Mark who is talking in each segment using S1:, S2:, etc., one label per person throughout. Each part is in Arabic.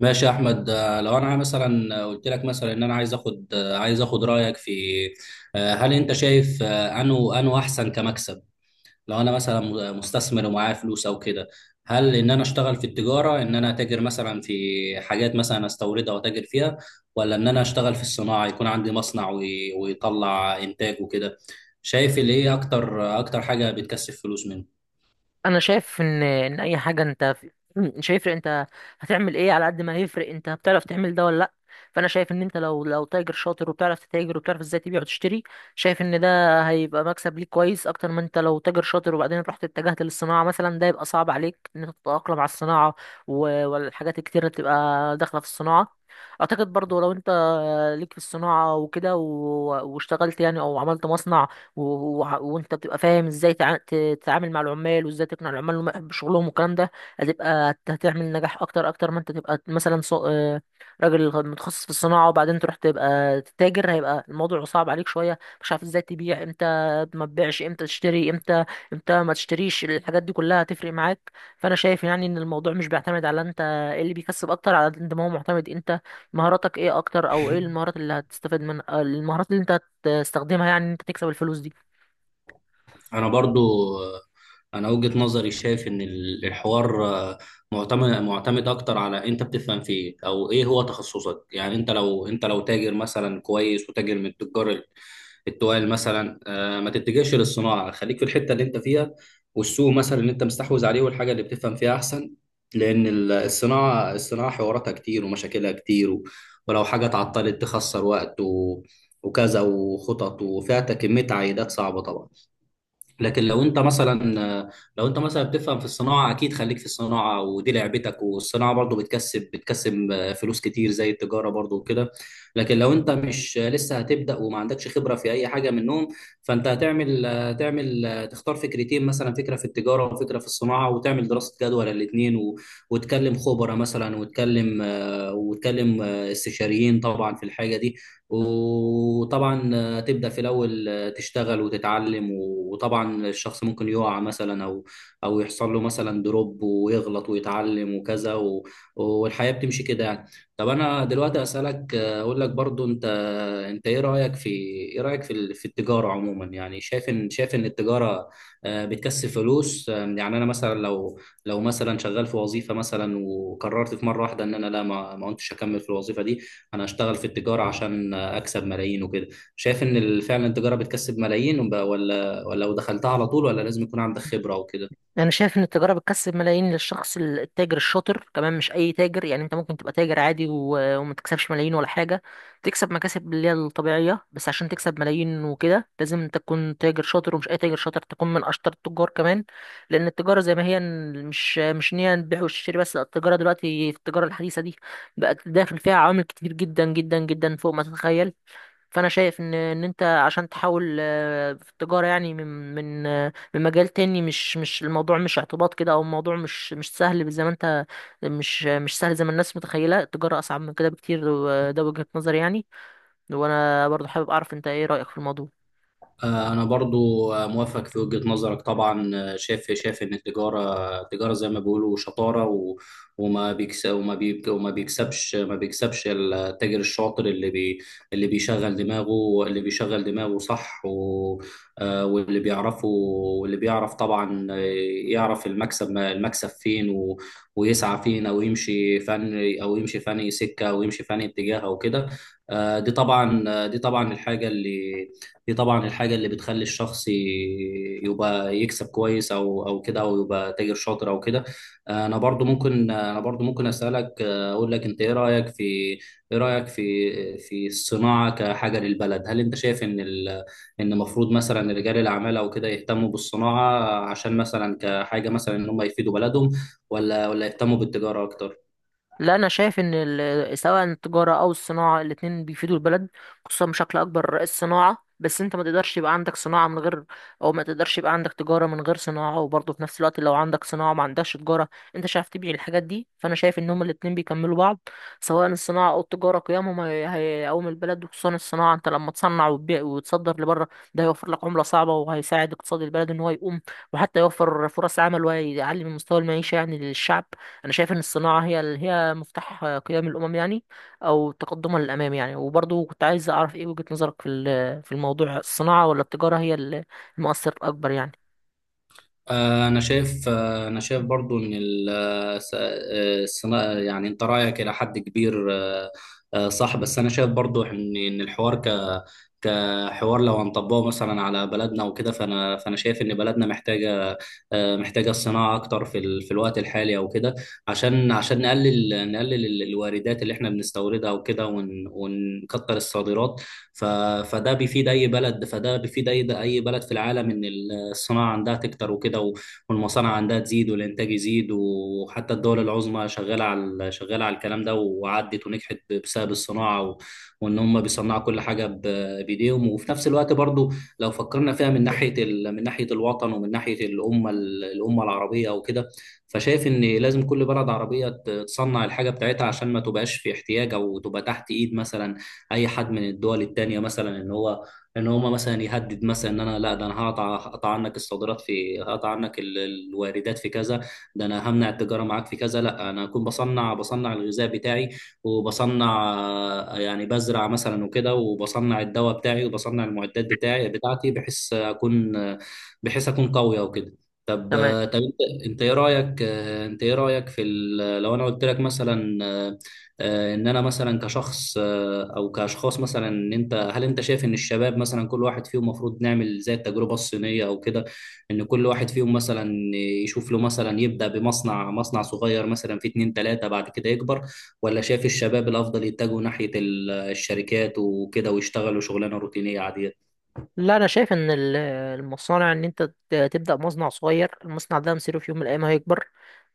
S1: ماشي يا احمد، لو انا مثلا قلت لك مثلا ان انا عايز اخد رايك في. هل انت شايف، انه احسن كمكسب. لو انا مثلا مستثمر ومعايا فلوس او كده، هل ان انا اشتغل في التجاره، ان انا اتاجر مثلا في حاجات مثلا استوردها واتاجر فيها، ولا ان انا اشتغل في الصناعه، يكون عندي مصنع ويطلع انتاج وكده. شايف اللي ايه اكتر، اكتر حاجه بتكسب فلوس منه.
S2: انا شايف ان اي حاجه انت مش هيفرق. انت هتعمل ايه؟ على قد ما هيفرق انت بتعرف تعمل ده ولا لا. فانا شايف ان انت لو تاجر شاطر وبتعرف تتاجر وبتعرف ازاي تبيع وتشتري. شايف ان ده هيبقى مكسب ليك كويس اكتر ما انت لو تاجر شاطر، وبعدين رحت اتجهت للصناعه مثلا، ده يبقى صعب عليك ان انت تتاقلم على الصناعه والحاجات الكتير اللي بتبقى داخله في الصناعه. اعتقد برضو لو انت ليك في الصناعه وكده واشتغلت يعني او عملت مصنع، وانت بتبقى فاهم ازاي تتعامل مع العمال وازاي تقنع العمال انهم يحبوا شغلهم والكلام ده، هتبقى هتعمل نجاح اكتر اكتر ما انت تبقى مثلا راجل متخصص في الصناعه وبعدين تروح تبقى تتاجر. هيبقى الموضوع صعب عليك شويه، مش عارف ازاي تبيع امتى ما تبيعش، امتى تشتري امتى امتى ما تشتريش. الحاجات دي كلها هتفرق معاك. فانا شايف يعني ان الموضوع مش بيعتمد على انت ايه اللي بيكسب اكتر، على قد ما هو معتمد انت مهاراتك ايه اكتر، او ايه المهارات اللي هتستفاد منها، المهارات اللي انت تستخدمها يعني إن انت تكسب الفلوس دي.
S1: انا برضو انا وجهة نظري شايف ان الحوار، معتمد اكتر على انت بتفهم في ايه او ايه هو تخصصك. يعني انت لو، انت لو تاجر مثلا كويس وتاجر من تجار التوال مثلا، ما تتجهش للصناعة، خليك في الحتة اللي انت فيها والسوق مثلا اللي انت مستحوذ عليه والحاجة اللي بتفهم فيها احسن. لان الصناعة، حواراتها كتير ومشاكلها كتير، ولو حاجة اتعطلت تخسر وقت وكذا وخطط، وفيها كمية عائدات صعبة طبعا. لكن لو انت مثلا لو انت مثلا بتفهم في الصناعه، اكيد خليك في الصناعه ودي لعبتك، والصناعه برضو بتكسب فلوس كتير زي التجاره برضو وكده. لكن لو انت مش لسه هتبدا وما عندكش خبره في اي حاجه منهم، فانت هتعمل تختار فكرتين مثلا، فكره في التجاره وفكره في الصناعه، وتعمل دراسه جدوى للاثنين وتكلم خبراء مثلا وتكلم، وتكلم استشاريين طبعا في الحاجه دي، وطبعا تبدأ في الأول. تشتغل وتتعلم، وطبعا الشخص ممكن يقع مثلا، أو يحصل له مثلا دروب ويغلط ويتعلم وكذا، والحياة بتمشي كده يعني. طب أنا دلوقتي أسألك، أقول لك برضو، أنت إيه رأيك في، إيه رأيك في في التجارة عموما؟ يعني شايف إن التجارة، بتكسب فلوس. يعني أنا مثلا لو مثلا شغال في وظيفة مثلا، وقررت في مرة واحدة إن أنا لا، ما كنتش أكمل في الوظيفة دي، انا اشتغل في التجارة عشان اكسب ملايين وكده. شايف ان فعلا التجاره بتكسب ملايين، ولا، لو دخلتها على طول، ولا لازم يكون عندك خبره وكده؟
S2: انا شايف ان التجاره بتكسب ملايين للشخص التاجر الشاطر كمان، مش اي تاجر. يعني انت ممكن تبقى تاجر عادي وما تكسبش ملايين ولا حاجه، تكسب مكاسب اللي هي الطبيعيه. بس عشان تكسب ملايين وكده لازم انت تكون تاجر شاطر، ومش اي تاجر شاطر، تكون من اشطر التجار كمان. لان التجاره زي ما هي مش ان هي البيع والشراء بس، لا، التجاره دلوقتي، في التجاره الحديثه دي، بقت داخل فيها عوامل كتير جدا جدا جدا فوق ما تتخيل. فانا شايف ان انت عشان تحاول في التجاره يعني، من مجال تاني، مش الموضوع مش اعتباط كده، او الموضوع مش سهل زي ما انت، مش سهل زي ما الناس متخيله. التجاره اصعب من كده بكتير، وده وجهه نظري يعني. وانا برضو حابب اعرف انت ايه رايك في الموضوع.
S1: أنا برضو، موافق في وجهة نظرك طبعا. شايف إن التجارة تجارة زي ما بيقولوا شطارة، و- وما بيكس وما بيك وما بيكسبش ما بيكسبش التاجر الشاطر، اللي بيشغل دماغه صح. و آه، واللي بيعرفه واللي بيعرف طبعا، يعرف المكسب، المكسب فين، و ويسعى فين، أو يمشي فني اتجاه أو كده. آه، دي طبعا آه، دي طبعا الحاجة اللي دي طبعا الحاجة اللي بتخلي الشخص يبقى يكسب كويس، أو كده، أو يبقى تاجر شاطر أو كده. أنا برضو ممكن أسألك، أقول لك، أنت إيه رأيك في، إيه رأيك في الصناعة كحاجة للبلد. هل أنت شايف إن إن المفروض مثلا رجال الأعمال أو كده يهتموا بالصناعة، عشان مثلا كحاجة مثلا إن هم يفيدوا بلدهم، ولا يهتموا بالتجارة أكتر؟
S2: لا، انا شايف ان سواء التجاره او الصناعه الاتنين بيفيدوا البلد، خصوصا بشكل اكبر الصناعه. بس انت ما تقدرش يبقى عندك صناعه من غير، او ما تقدرش يبقى عندك تجاره من غير صناعه. وبرضه في نفس الوقت لو عندك صناعه ما عندكش تجاره، انت مش عارف تبيع الحاجات دي. فانا شايف ان هما الاتنين بيكملوا بعض، سواء الصناعه او التجاره. قيمهم هيقوم البلد وخصوصا الصناعه. انت لما تصنع وتبيع وتصدر لبره، ده هيوفر لك عمله صعبه وهيساعد اقتصاد البلد ان هو يقوم، وحتى يوفر فرص عمل ويعلي من مستوى المعيشه يعني للشعب. انا شايف ان الصناعه هي هي مفتاح قيام الامم يعني، او تقدمها للامام يعني. وبرضه كنت عايز اعرف ايه وجهه نظرك في في الموضوع، الصناعه ولا التجاره هي المؤثر الاكبر يعني.
S1: أنا شايف برضو إن يعني أنت رأيك إلى حد كبير، صح، بس أنا شايف برضو إن الحوار، كحوار لو هنطبقه مثلا على بلدنا وكده، فأنا شايف إن بلدنا محتاجة، الصناعة أكتر في الوقت الحالي أو كده، عشان، نقلل الواردات اللي إحنا بنستوردها وكده، ونكتر الصادرات. ف... فده بيفيد اي بلد فده بيفيد اي، بلد في العالم، ان الصناعه عندها تكتر وكده، والمصانع عندها تزيد والانتاج يزيد، وحتى الدول العظمى شغاله على الكلام ده وعدت ونجحت بسبب الصناعه، وان هم بيصنعوا كل حاجه بايديهم. وفي نفس الوقت برضو، لو فكرنا فيها من ناحيه الوطن، ومن ناحيه الامه، الامه العربيه وكده، فشايف ان لازم كل بلد عربيه تصنع الحاجه بتاعتها، عشان ما تبقاش في احتياج، او تبقى تحت ايد مثلا اي حد من الدول التانية مثلا، ان هما مثلا يهدد مثلا، ان انا لا، ده انا، هقطع عنك الصادرات في، هقطع عنك ال- الواردات في كذا ده انا همنع التجارة معاك في كذا. لا، انا اكون بصنع الغذاء بتاعي، وبصنع، يعني بزرع مثلا وكده، وبصنع الدواء بتاعي، وبصنع المعدات بتاعتي، بحيث اكون قوي وكده. طب،
S2: تمام.
S1: انت ايه رايك، في لو انا قلت لك مثلا، ان انا مثلا كشخص او كاشخاص مثلا، ان انت هل انت شايف ان الشباب مثلا، كل واحد فيهم المفروض نعمل زي التجربه الصينيه او كده، ان كل واحد فيهم مثلا يشوف له مثلا، يبدا مصنع صغير مثلا في اتنين تلاته، بعد كده يكبر. ولا شايف الشباب الافضل يتجهوا ناحيه الشركات وكده، ويشتغلوا شغلانه روتينيه عاديه؟
S2: لا، انا شايف ان المصانع ان انت تبدا مصنع صغير. المصنع ده مصيره في يوم من الايام هيكبر،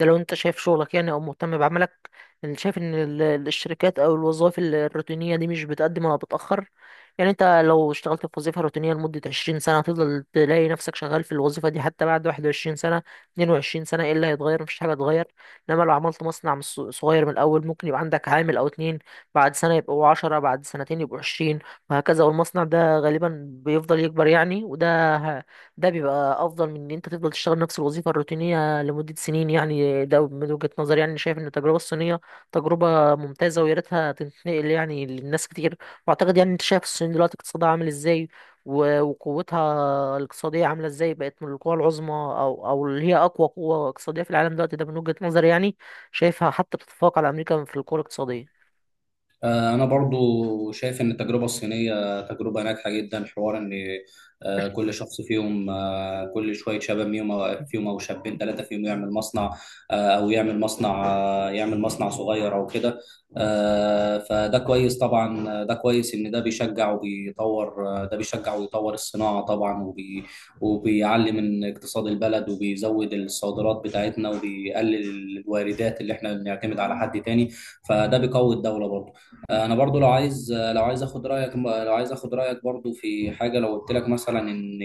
S2: ده لو انت شايف شغلك يعني او مهتم بعملك. انا شايف ان الشركات او الوظائف الروتينيه دي مش بتقدم ولا بتاخر. يعني انت لو اشتغلت في وظيفه روتينيه لمده 20 سنه، هتفضل تلاقي نفسك شغال في الوظيفه دي حتى بعد 21 سنه، 22 سنه. ايه اللي هيتغير؟ مفيش حاجه هتتغير. انما لو عملت مصنع من صغير من الاول، ممكن يبقى عندك عامل او اتنين، بعد سنه يبقوا 10، بعد سنتين يبقوا 20، وهكذا. والمصنع ده غالبا بيفضل يكبر يعني. ده بيبقى افضل من ان انت تفضل تشتغل نفس الوظيفه الروتينيه لمده سنين يعني. ده من وجهه نظري يعني. شايف ان التجربه الصينيه تجربه ممتازه، ويا ريتها تنتقل يعني للناس كتير. واعتقد يعني انت شايف الصين دلوقتي اقتصادها عامل ازاي، وقوتها الاقتصاديه عامله ازاي، بقت من القوى العظمى، او اللي هي اقوى قوه اقتصاديه في العالم دلوقتي. ده من وجهه نظري يعني. شايفها حتى بتتفوق على امريكا في القوه الاقتصاديه.
S1: أنا برضو شايف إن التجربة الصينية تجربة ناجحة جدا. حوار إن، آه، كل شخص فيهم كل شوية شباب فيهم، أو شابين ثلاثة فيهم يعمل مصنع، آه، أو يعمل مصنع آه، يعمل مصنع صغير أو كده. فده كويس طبعا، آه، ده كويس إن ده بيشجع وبيطور، آه، ده بيشجع ويطور الصناعة طبعا، وبيعلي من اقتصاد البلد، وبيزود الصادرات بتاعتنا، وبيقلل الواردات اللي إحنا بنعتمد على حد تاني فده بيقوي الدولة برضو. انا برضو لو عايز اخد رايك برضو في حاجه. لو قلت لك مثلا ان،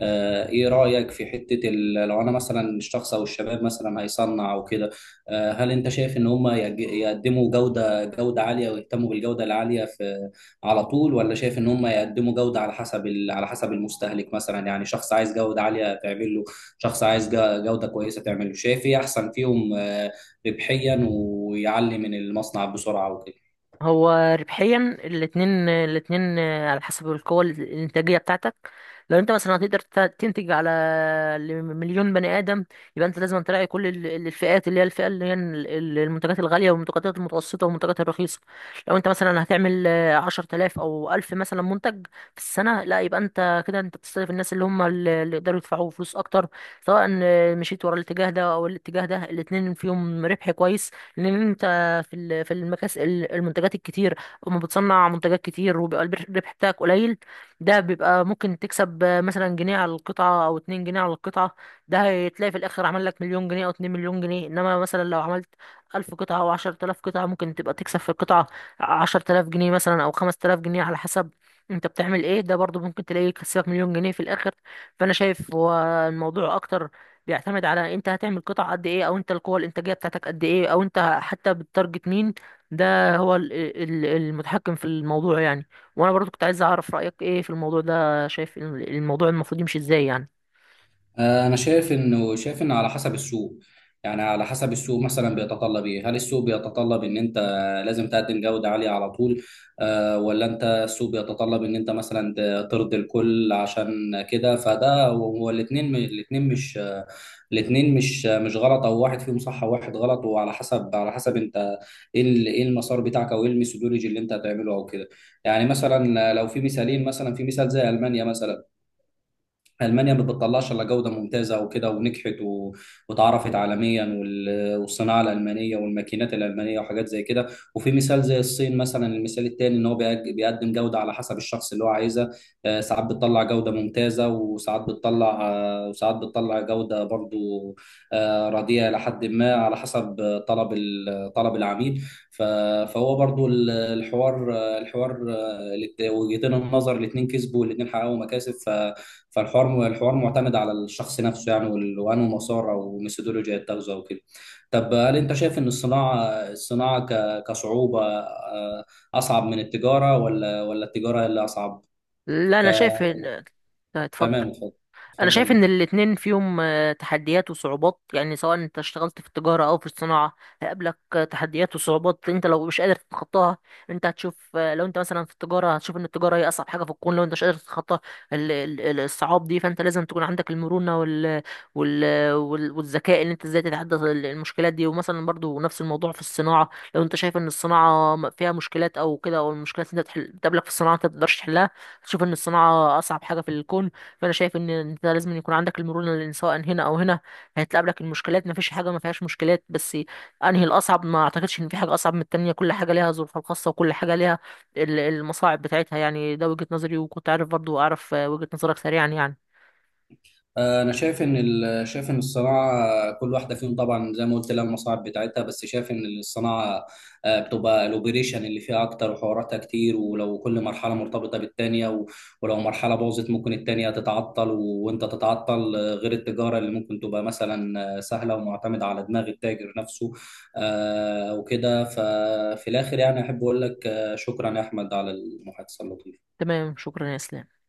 S1: ايه رايك في حته، لو انا مثلا الشخص او الشباب مثلا هيصنع او كده، هل انت شايف ان هم يقدموا جوده عاليه، ويهتموا بالجوده العاليه في على طول، ولا شايف ان هم يقدموا جوده على حسب، على حسب المستهلك مثلا؟ يعني شخص عايز جوده عاليه تعمل له، شخص عايز جوده كويسه تعمل له. شايف ايه احسن فيهم، ربحيا، ويعلي من المصنع بسرعه وكده.
S2: هو ربحيا الاتنين على حسب القوة الإنتاجية بتاعتك. لو انت مثلا هتقدر تنتج على مليون بني آدم، يبقى انت لازم تراعي كل الفئات، اللي هي الفئة اللي هي المنتجات الغالية والمنتجات المتوسطة والمنتجات الرخيصة. لو انت مثلا هتعمل 10 آلاف أو 1000 مثلا منتج في السنة، لا يبقى انت كده انت بتستهدف الناس اللي هم اللي يقدروا يدفعوا فلوس أكتر. سواء مشيت ورا الاتجاه ده أو الاتجاه ده، الاتنين فيهم ربح كويس. لأن انت في في المنتجات الكتير، اما بتصنع منتجات كتير وبيبقى الربح بتاعك قليل، ده بيبقى ممكن تكسب مثلا جنيه على القطعة او اتنين جنيه على القطعة. ده هتلاقي في الاخر عمل لك مليون جنيه او 2 مليون جنيه. انما مثلا لو عملت 1000 قطعة او 10 آلاف قطعة، ممكن تبقى تكسب في القطعة 10 آلاف جنيه مثلا او 5 آلاف جنيه على حسب انت بتعمل ايه. ده برضو ممكن تلاقيه يكسبك مليون جنيه في الاخر. فانا شايف هو الموضوع اكتر بيعتمد على انت هتعمل قطع قد ايه، او انت القوة الانتاجية بتاعتك قد ايه، او انت حتى بتتارجت مين. ده هو المتحكم في الموضوع يعني. وانا برضو كنت عايز اعرف رأيك ايه في الموضوع ده. شايف الموضوع المفروض يمشي ازاي يعني.
S1: انا شايف انه، على حسب السوق. يعني على حسب السوق مثلا بيتطلب ايه، هل السوق بيتطلب ان انت لازم تقدم جودة عالية على طول، آه ولا انت، السوق بيتطلب ان انت مثلا ترضي الكل عشان كده؟ فده هو الاتنين، مش غلط، او واحد فيهم صح وواحد غلط، وعلى حسب، على حسب انت ايه ايه المسار بتاعك، او ايه الميثودولوجي اللي انت هتعمله او كده. يعني مثلا لو في مثالين مثلا، في مثال زي المانيا مثلا، المانيا ما بتطلعش الا جوده ممتازه وكده، ونجحت واتعرفت عالميا، والصناعه الالمانيه والماكينات الالمانيه وحاجات زي كده. وفي مثال زي الصين مثلا، المثال التاني، ان هو بيقدم جوده على حسب الشخص اللي هو عايزها. ساعات بتطلع جوده ممتازه، وساعات بتطلع جوده برضو، رديئه، لحد ما على حسب، طلب العميل. ف... فهو برضو الحوار، وجهتين النظر الاثنين كسبوا، والاثنين حققوا مكاسب، الحوار معتمد على الشخص نفسه يعني، وانه مسار او ميثودولوجيا يتخذه او كده. طب هل انت شايف ان الصناعه كصعوبه، اصعب من التجاره، ولا التجاره اللي اصعب؟
S2: لا،
S1: ك...
S2: انا شايف طيب، اتفضل.
S1: تمام، اتفضل،
S2: انا شايف
S1: اتفضل.
S2: ان الاتنين فيهم تحديات وصعوبات. يعني سواء انت اشتغلت في التجارة او في الصناعة هيقابلك تحديات وصعوبات انت لو مش قادر تتخطاها. انت هتشوف لو انت مثلا في التجارة، هتشوف ان التجارة هي اصعب حاجة في الكون، لو انت مش قادر تتخطى الصعاب دي. فانت لازم تكون عندك المرونة والذكاء، ان انت ازاي تتحدى المشكلات دي. ومثلا برضو نفس الموضوع في الصناعة، لو انت شايف ان الصناعة فيها مشكلات او كده، او المشكلات اللي انت بتقابلك في الصناعة انت ما بتقدرش تحلها، تشوف ان الصناعة اصعب حاجة في الكون. فانا شايف ان انت لازم يكون عندك المرونه، لان سواء هنا او هنا هتقابلك المشكلات. ما فيش حاجه ما فيهاش مشكلات. بس انهي الاصعب؟ ما اعتقدش ان في حاجه اصعب من التانية. كل حاجه ليها ظروفها الخاصه، وكل حاجه ليها المصاعب بتاعتها يعني. ده وجهه نظري. وكنت عارف برضو اعرف وجهه نظرك سريعا يعني.
S1: انا شايف ان ال- شايف ان الصناعه، كل واحده فيهم طبعا زي ما قلت لها المصاعب بتاعتها، بس شايف ان الصناعه، بتبقى الاوبريشن اللي فيها اكتر وحواراتها كتير، ولو كل مرحله مرتبطه بالتانيه، ولو مرحله باظت ممكن التانيه تتعطل، وانت تتعطل، غير التجاره اللي ممكن تبقى مثلا سهله ومعتمده على دماغ التاجر نفسه وكده. ففي الاخر يعني احب اقول لك، شكرا يا احمد على المحادثه اللطيفه.
S2: تمام، شكرا يا اسلام.